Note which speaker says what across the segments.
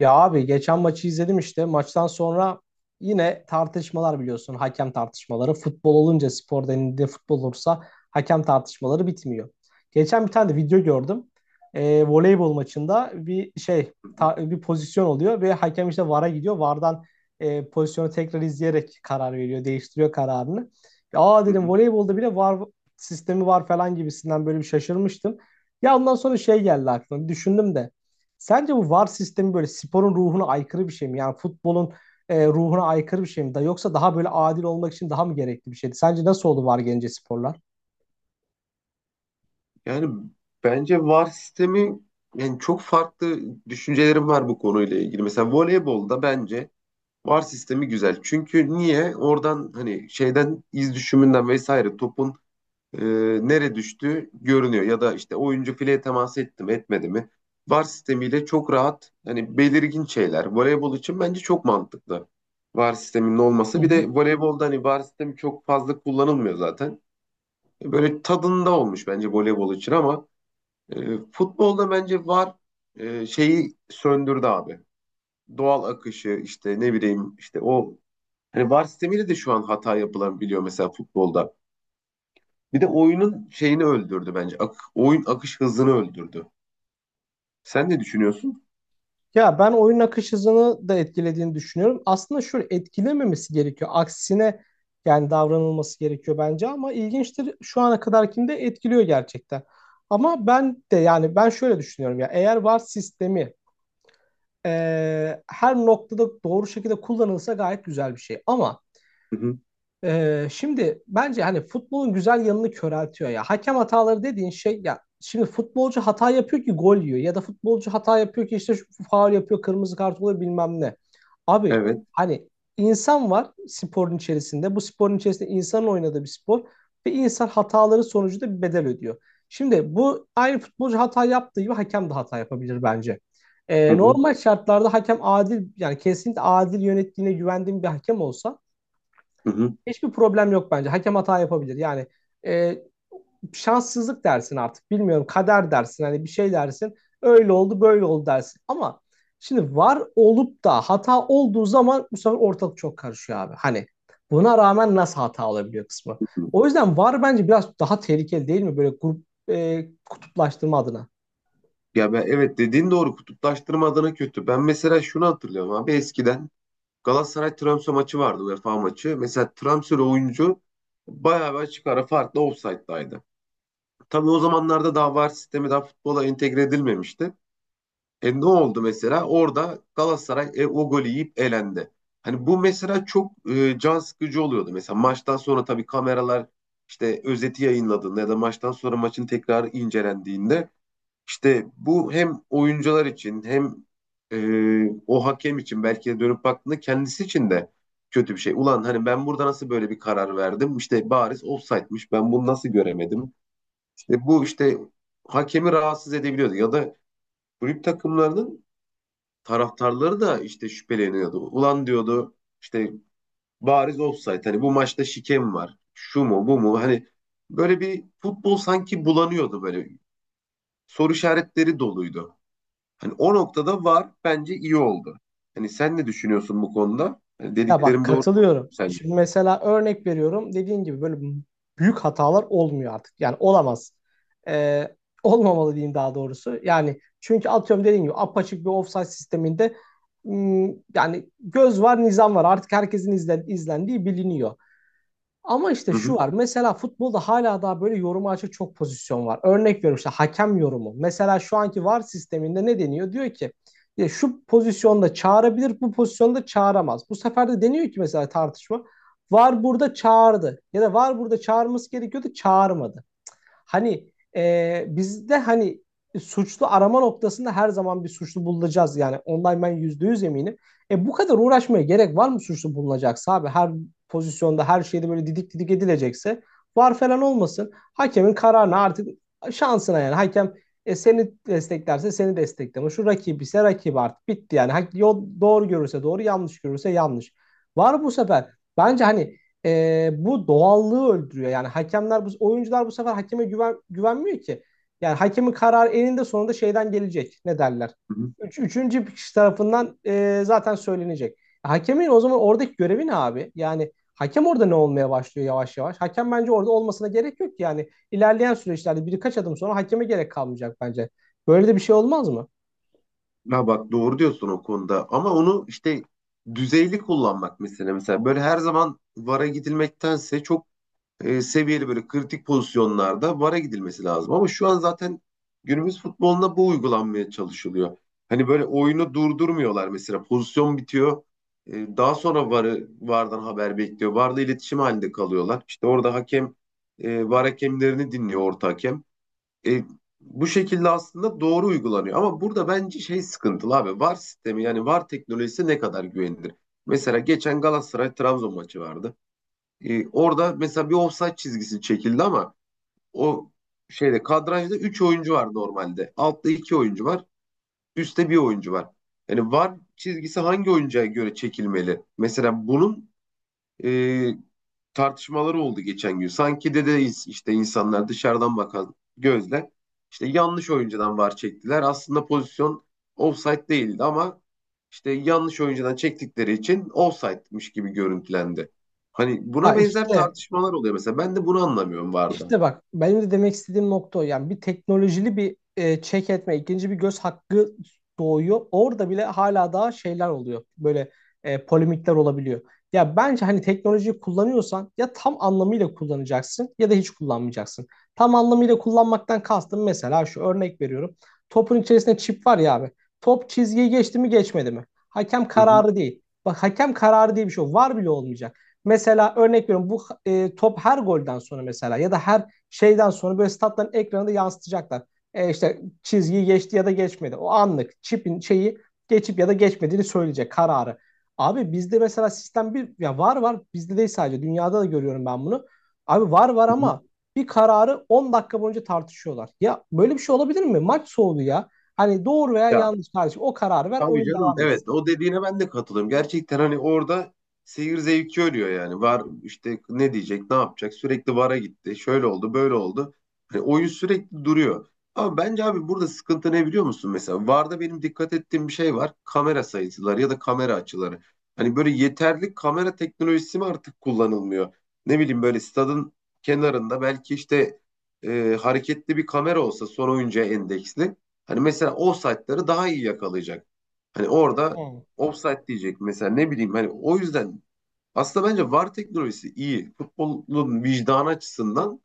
Speaker 1: Ya abi geçen maçı izledim işte. Maçtan sonra yine tartışmalar biliyorsun. Hakem tartışmaları. Futbol olunca spor denildiğinde futbol olursa hakem tartışmaları bitmiyor. Geçen bir tane de video gördüm. Voleybol maçında
Speaker 2: Hı hı,
Speaker 1: bir pozisyon oluyor ve hakem işte VAR'a gidiyor. VAR'dan pozisyonu tekrar izleyerek karar veriyor. Değiştiriyor kararını. Aa
Speaker 2: hı
Speaker 1: dedim
Speaker 2: hı.
Speaker 1: voleybolda bile VAR sistemi var falan gibisinden böyle bir şaşırmıştım. Ya ondan sonra şey geldi aklıma. Bir düşündüm de. Sence bu VAR sistemi böyle sporun ruhuna aykırı bir şey mi? Yani futbolun ruhuna aykırı bir şey mi? Da yoksa daha böyle adil olmak için daha mı gerekli bir şeydi? Sence nasıl oldu VAR gelince sporlar?
Speaker 2: Yani bence VAR sistemi, yani çok farklı düşüncelerim var bu konuyla ilgili. Mesela voleybolda bence VAR sistemi güzel. Çünkü niye? Oradan hani şeyden, iz düşümünden vesaire topun e, nere düştüğü görünüyor, ya da işte oyuncu fileye temas etti mi etmedi mi? VAR sistemiyle çok rahat, hani belirgin şeyler. Voleybol için bence çok mantıklı VAR sisteminin
Speaker 1: Hı
Speaker 2: olması. Bir de
Speaker 1: hı.
Speaker 2: voleybolda hani VAR sistemi çok fazla kullanılmıyor zaten. Böyle tadında olmuş bence voleybol için, ama futbolda bence var şeyi söndürdü abi. Doğal akışı, işte ne bileyim, işte o hani VAR sistemiyle de şu an hata yapılan biliyor mesela futbolda. Bir de oyunun şeyini öldürdü bence. Oyun akış hızını öldürdü. Sen ne düşünüyorsun?
Speaker 1: Ya ben oyun akış hızını da etkilediğini düşünüyorum. Aslında şöyle etkilememesi gerekiyor. Aksine yani davranılması gerekiyor bence ama ilginçtir şu ana kadarkinde etkiliyor gerçekten. Ama ben de yani ben şöyle düşünüyorum ya eğer VAR sistemi her noktada doğru şekilde kullanılsa gayet güzel bir şey. Ama
Speaker 2: Hı hı.
Speaker 1: Şimdi bence hani futbolun güzel yanını köreltiyor ya. Hakem hataları dediğin şey ya şimdi futbolcu hata yapıyor ki gol yiyor ya da futbolcu hata yapıyor ki işte şu faul yapıyor, kırmızı kart oluyor bilmem ne. Abi
Speaker 2: Evet.
Speaker 1: hani insan var sporun içerisinde. Bu sporun içerisinde insanın oynadığı bir spor ve insan hataları sonucunda bir bedel ödüyor. Şimdi bu aynı futbolcu hata yaptığı gibi hakem de hata yapabilir bence.
Speaker 2: Hı hı.
Speaker 1: Normal şartlarda hakem adil yani kesinlikle adil yönettiğine güvendiğim bir hakem olsa
Speaker 2: Hı hı.
Speaker 1: hiçbir problem yok bence. Hakem hata yapabilir. Yani e, şanssızlık dersin artık. Bilmiyorum kader dersin. Hani bir şey dersin. Öyle oldu böyle oldu dersin. Ama şimdi var olup da hata olduğu zaman bu sefer ortalık çok karışıyor abi. Hani buna rağmen nasıl hata olabiliyor kısmı.
Speaker 2: Hı hı.
Speaker 1: O yüzden var bence biraz daha tehlikeli değil mi? Böyle grup kutuplaştırma adına.
Speaker 2: Ya, ben evet dediğin doğru, kutuplaştırma adına kötü. Ben mesela şunu hatırlıyorum abi, eskiden Galatasaray-Trabzon maçı vardı, UEFA maçı. Mesela transfer oyuncu bayağı bir açık ara farklı offside'daydı. Tabii o zamanlarda daha VAR sistemi daha futbola entegre edilmemişti. E, ne oldu mesela? Orada Galatasaray o golü yiyip elendi. Hani bu mesela çok can sıkıcı oluyordu. Mesela maçtan sonra tabii kameralar işte özeti yayınladığında, ya da maçtan sonra maçın tekrar incelendiğinde, işte bu hem oyuncular için, hem o hakem için belki de dönüp baktığında kendisi için de kötü bir şey. Ulan, hani ben burada nasıl böyle bir karar verdim? İşte bariz ofsaytmış. Ben bunu nasıl göremedim? İşte bu, işte hakemi rahatsız edebiliyordu. Ya da kulüp takımlarının taraftarları da işte şüpheleniyordu. Ulan, diyordu, işte bariz ofsayt. Hani bu maçta şikem var. Şu mu bu mu? Hani böyle bir futbol sanki bulanıyordu böyle. Soru işaretleri doluydu. Hani o noktada var bence iyi oldu. Hani sen ne düşünüyorsun bu konuda? Hani
Speaker 1: Ya bak
Speaker 2: dediklerim doğru mu
Speaker 1: katılıyorum.
Speaker 2: sence?
Speaker 1: Şimdi mesela örnek veriyorum. Dediğin gibi böyle büyük hatalar olmuyor artık. Yani olamaz. Ee, olmamalı diyeyim daha doğrusu. Yani çünkü atıyorum dediğin gibi apaçık bir ofsayt sisteminde hmm, yani göz var nizam var. Artık izlendiği biliniyor. Ama işte
Speaker 2: Hı
Speaker 1: şu
Speaker 2: hı,
Speaker 1: var. Mesela futbolda hala daha böyle yoruma açık çok pozisyon var. Örnek veriyorum işte hakem yorumu. Mesela şu anki VAR sisteminde ne deniyor? Diyor ki ya şu pozisyonda çağırabilir, bu pozisyonda çağıramaz. Bu sefer de deniyor ki mesela tartışma. VAR burada çağırdı ya da VAR burada çağırması gerekiyordu, çağırmadı. Hani bizde hani suçlu arama noktasında her zaman bir suçlu bulacağız. Yani ondan ben yüzde yüz eminim. E bu kadar uğraşmaya gerek var mı suçlu bulunacaksa abi? Her pozisyonda her şeyde böyle didik didik edilecekse var falan olmasın. Hakemin kararına artık şansına yani. Hakem seni desteklerse seni destekleme. Şu rakip ise rakip artık bitti yani. Yol, doğru görürse doğru yanlış görürse yanlış. Var bu sefer. Bence hani bu doğallığı öldürüyor. Yani hakemler bu oyuncular bu sefer güvenmiyor ki. Yani hakemin kararı eninde sonunda şeyden gelecek. Ne derler?
Speaker 2: hı hı.
Speaker 1: Üçüncü bir kişi tarafından zaten söylenecek. Hakemin o zaman oradaki görevi ne abi? Yani hakem orada ne olmaya başlıyor yavaş yavaş? Hakem bence orada olmasına gerek yok ki. Yani ilerleyen süreçlerde birkaç adım sonra hakeme gerek kalmayacak bence. Böyle de bir şey olmaz mı?
Speaker 2: Ya bak, doğru diyorsun o konuda, ama onu işte düzeyli kullanmak mesela böyle her zaman VAR'a gidilmektense çok seviyeli, böyle kritik pozisyonlarda VAR'a gidilmesi lazım. Ama şu an zaten günümüz futboluna bu uygulanmaya çalışılıyor. Hani böyle oyunu durdurmuyorlar mesela, pozisyon bitiyor. E, daha sonra VAR'ı, VAR'dan haber bekliyor. VAR'la iletişim halinde kalıyorlar. İşte orada hakem, VAR hakemlerini dinliyor orta hakem. E, bu şekilde aslında doğru uygulanıyor. Ama burada bence şey sıkıntılı abi. VAR sistemi, yani VAR teknolojisi ne kadar güvenilir? Mesela geçen Galatasaray Trabzon maçı vardı. E, orada mesela bir offside çizgisi çekildi, ama o şeyde, kadrajda 3 oyuncu var normalde. Altta 2 oyuncu var, üstte bir oyuncu var. Yani VAR çizgisi hangi oyuncuya göre çekilmeli? Mesela bunun e, tartışmaları oldu geçen gün. Sanki dede, işte insanlar dışarıdan bakan gözle, işte yanlış oyuncudan var çektiler. Aslında pozisyon offside değildi, ama işte yanlış oyuncudan çektikleri için offside'miş gibi görüntülendi. Hani buna
Speaker 1: Ya
Speaker 2: benzer
Speaker 1: işte.
Speaker 2: tartışmalar oluyor mesela. Ben de bunu anlamıyorum VAR'da.
Speaker 1: İşte bak benim de demek istediğim nokta o. Yani bir teknolojili bir check etme, ikinci bir göz hakkı doğuyor. Orada bile hala daha şeyler oluyor. Böyle polemikler olabiliyor. Ya bence hani teknolojiyi kullanıyorsan ya tam anlamıyla kullanacaksın ya da hiç kullanmayacaksın. Tam anlamıyla kullanmaktan kastım mesela şu örnek veriyorum. Topun içerisinde çip var ya abi. Top çizgiyi geçti mi geçmedi mi? Hakem
Speaker 2: Hı hı.
Speaker 1: kararı değil. Bak hakem kararı diye bir şey yok. Var bile olmayacak. Mesela örnek veriyorum bu top her golden sonra mesela ya da her şeyden sonra böyle statların ekranında yansıtacaklar. İşte çizgiyi geçti ya da geçmedi. O anlık çipin şeyi geçip ya da geçmediğini söyleyecek kararı. Abi bizde mesela sistem bir ya var bizde değil sadece dünyada da görüyorum ben bunu. Abi var
Speaker 2: Hı hı.
Speaker 1: ama bir kararı 10 dakika boyunca tartışıyorlar. Ya böyle bir şey olabilir mi? Maç soğudu ya. Hani doğru veya
Speaker 2: Ya,
Speaker 1: yanlış kardeşim o kararı ver
Speaker 2: tabii
Speaker 1: oyun
Speaker 2: canım.
Speaker 1: devam
Speaker 2: Evet,
Speaker 1: etsin.
Speaker 2: o dediğine ben de katılıyorum. Gerçekten hani orada seyir zevki ölüyor yani. Var işte ne diyecek, ne yapacak? Sürekli vara gitti. Şöyle oldu, böyle oldu. Hani oyun sürekli duruyor. Ama bence abi burada sıkıntı ne biliyor musun? Mesela VAR'da benim dikkat ettiğim bir şey var: kamera sayıları ya da kamera açıları. Hani böyle yeterli kamera teknolojisi mi artık kullanılmıyor? Ne bileyim, böyle stadın kenarında belki işte hareketli bir kamera olsa son oyuncuya endeksli. Hani mesela o saatleri daha iyi yakalayacak. Hani orada
Speaker 1: Hı,
Speaker 2: offside diyecek mesela, ne bileyim, hani o yüzden aslında bence VAR teknolojisi iyi. Futbolun vicdanı açısından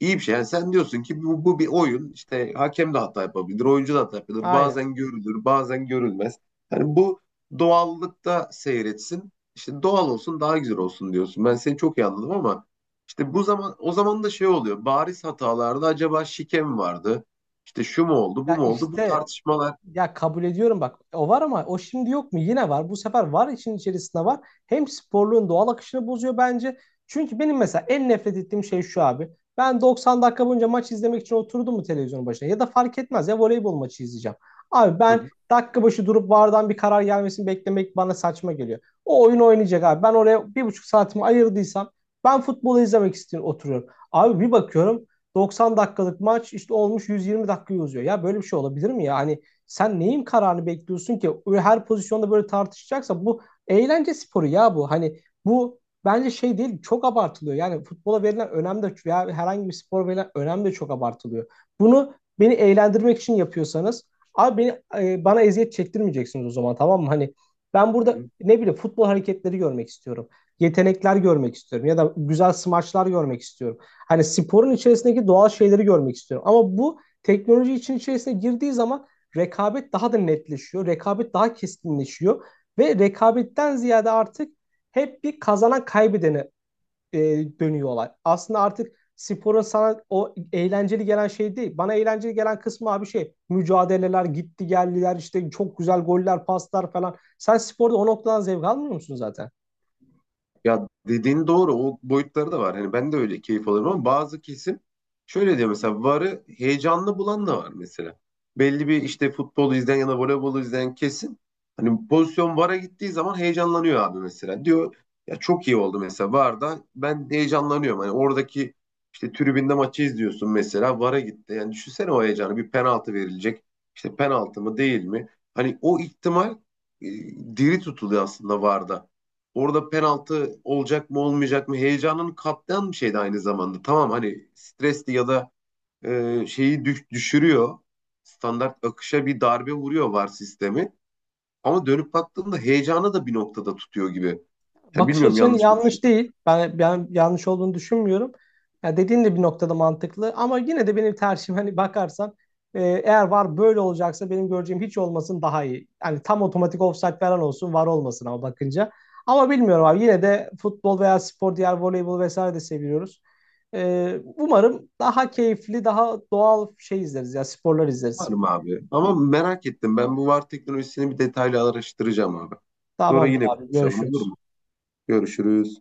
Speaker 2: iyi bir şey. Yani sen diyorsun ki bu bir oyun, işte hakem de hata yapabilir, oyuncu da hata yapabilir.
Speaker 1: aynen.
Speaker 2: Bazen görülür, bazen görülmez. Hani bu doğallıkta seyretsin. İşte doğal olsun, daha güzel olsun diyorsun. Ben seni çok iyi anladım, ama işte bu zaman, o zaman da şey oluyor: bariz hatalarda acaba şike mi vardı? İşte şu mu oldu,
Speaker 1: Ya
Speaker 2: bu mu oldu? Bu
Speaker 1: işte,
Speaker 2: tartışmalar.
Speaker 1: ya kabul ediyorum bak o var ama o şimdi yok mu? Yine var. Bu sefer var için içerisinde var. Hem sporluğun doğal akışını bozuyor bence. Çünkü benim mesela en nefret ettiğim şey şu abi. Ben 90 dakika boyunca maç izlemek için oturdum mu televizyonun başına ya da fark etmez ya voleybol maçı izleyeceğim. Abi
Speaker 2: Hı
Speaker 1: ben
Speaker 2: hı.
Speaker 1: dakika başı durup VAR'dan bir karar gelmesini beklemek bana saçma geliyor. O oyun oynayacak abi. Ben oraya bir buçuk saatimi ayırdıysam ben futbolu izlemek istiyorum oturuyorum. Abi bir bakıyorum 90 dakikalık maç işte olmuş 120 dakikayı uzuyor. Ya böyle bir şey olabilir mi ya? Hani sen neyin kararını bekliyorsun ki? Her pozisyonda böyle tartışacaksa bu eğlence sporu ya bu. Hani bu bence şey değil çok abartılıyor. Yani futbola verilen önem de veya herhangi bir spor verilen önem de çok abartılıyor. Bunu beni eğlendirmek için yapıyorsanız abi bana eziyet çektirmeyeceksiniz o zaman tamam mı? Hani ben
Speaker 2: hı
Speaker 1: burada
Speaker 2: hı.
Speaker 1: ne bileyim futbol hareketleri görmek istiyorum. Yetenekler görmek istiyorum ya da güzel smaçlar görmek istiyorum. Hani sporun içerisindeki doğal şeyleri görmek istiyorum. Ama bu teknoloji için içerisine girdiği zaman rekabet daha da netleşiyor. Rekabet daha keskinleşiyor. Ve rekabetten ziyade artık hep bir kazanan kaybedene e, dönüyorlar. Aslında artık sporun sana o eğlenceli gelen şey değil. Bana eğlenceli gelen kısmı abi şey mücadeleler, gitti geldiler işte çok güzel goller, paslar falan. Sen sporda o noktadan zevk almıyor musun zaten?
Speaker 2: Ya, dediğin doğru. O boyutları da var. Hani ben de öyle keyif alırım, ama bazı kesim şöyle diyor mesela, VAR'ı heyecanlı bulan da var mesela. Belli bir işte futbolu izleyen ya da voleybolu izleyen kesin, hani pozisyon VAR'a gittiği zaman heyecanlanıyor abi mesela. Diyor ya çok iyi oldu mesela, VAR'da ben heyecanlanıyorum. Hani oradaki işte, tribünde maçı izliyorsun mesela, VAR'a gitti. Yani düşünsene, o heyecanı, bir penaltı verilecek. İşte penaltı mı değil mi? Hani o ihtimal e, diri tutuluyor aslında VAR'da. Orada penaltı olacak mı olmayacak mı heyecanını katlayan bir şeydi aynı zamanda. Tamam, hani stresli ya da şeyi düşürüyor. Standart akışa bir darbe vuruyor VAR sistemi. Ama dönüp baktığında heyecanı da bir noktada tutuyor gibi. Yani
Speaker 1: Bakış
Speaker 2: bilmiyorum,
Speaker 1: açın
Speaker 2: yanlış mı
Speaker 1: yanlış
Speaker 2: düşünüyorum.
Speaker 1: değil. Ben yanlış olduğunu düşünmüyorum. Ya dediğin de bir noktada mantıklı ama yine de benim tercihim hani bakarsan eğer var böyle olacaksa benim göreceğim hiç olmasın daha iyi. Yani tam otomatik offside falan olsun var olmasın ama bakınca. Ama bilmiyorum abi yine de futbol veya spor diğer voleybol vesaire de seviyoruz. Umarım daha keyifli daha doğal şey izleriz ya sporlar
Speaker 2: Var
Speaker 1: izleriz.
Speaker 2: mı abi? Ama merak ettim. Ben bu VAR teknolojisini bir detaylı araştıracağım abi. Sonra
Speaker 1: Tamamdır
Speaker 2: yine
Speaker 1: abi
Speaker 2: konuşalım, olur
Speaker 1: görüşürüz.
Speaker 2: mu? Görüşürüz.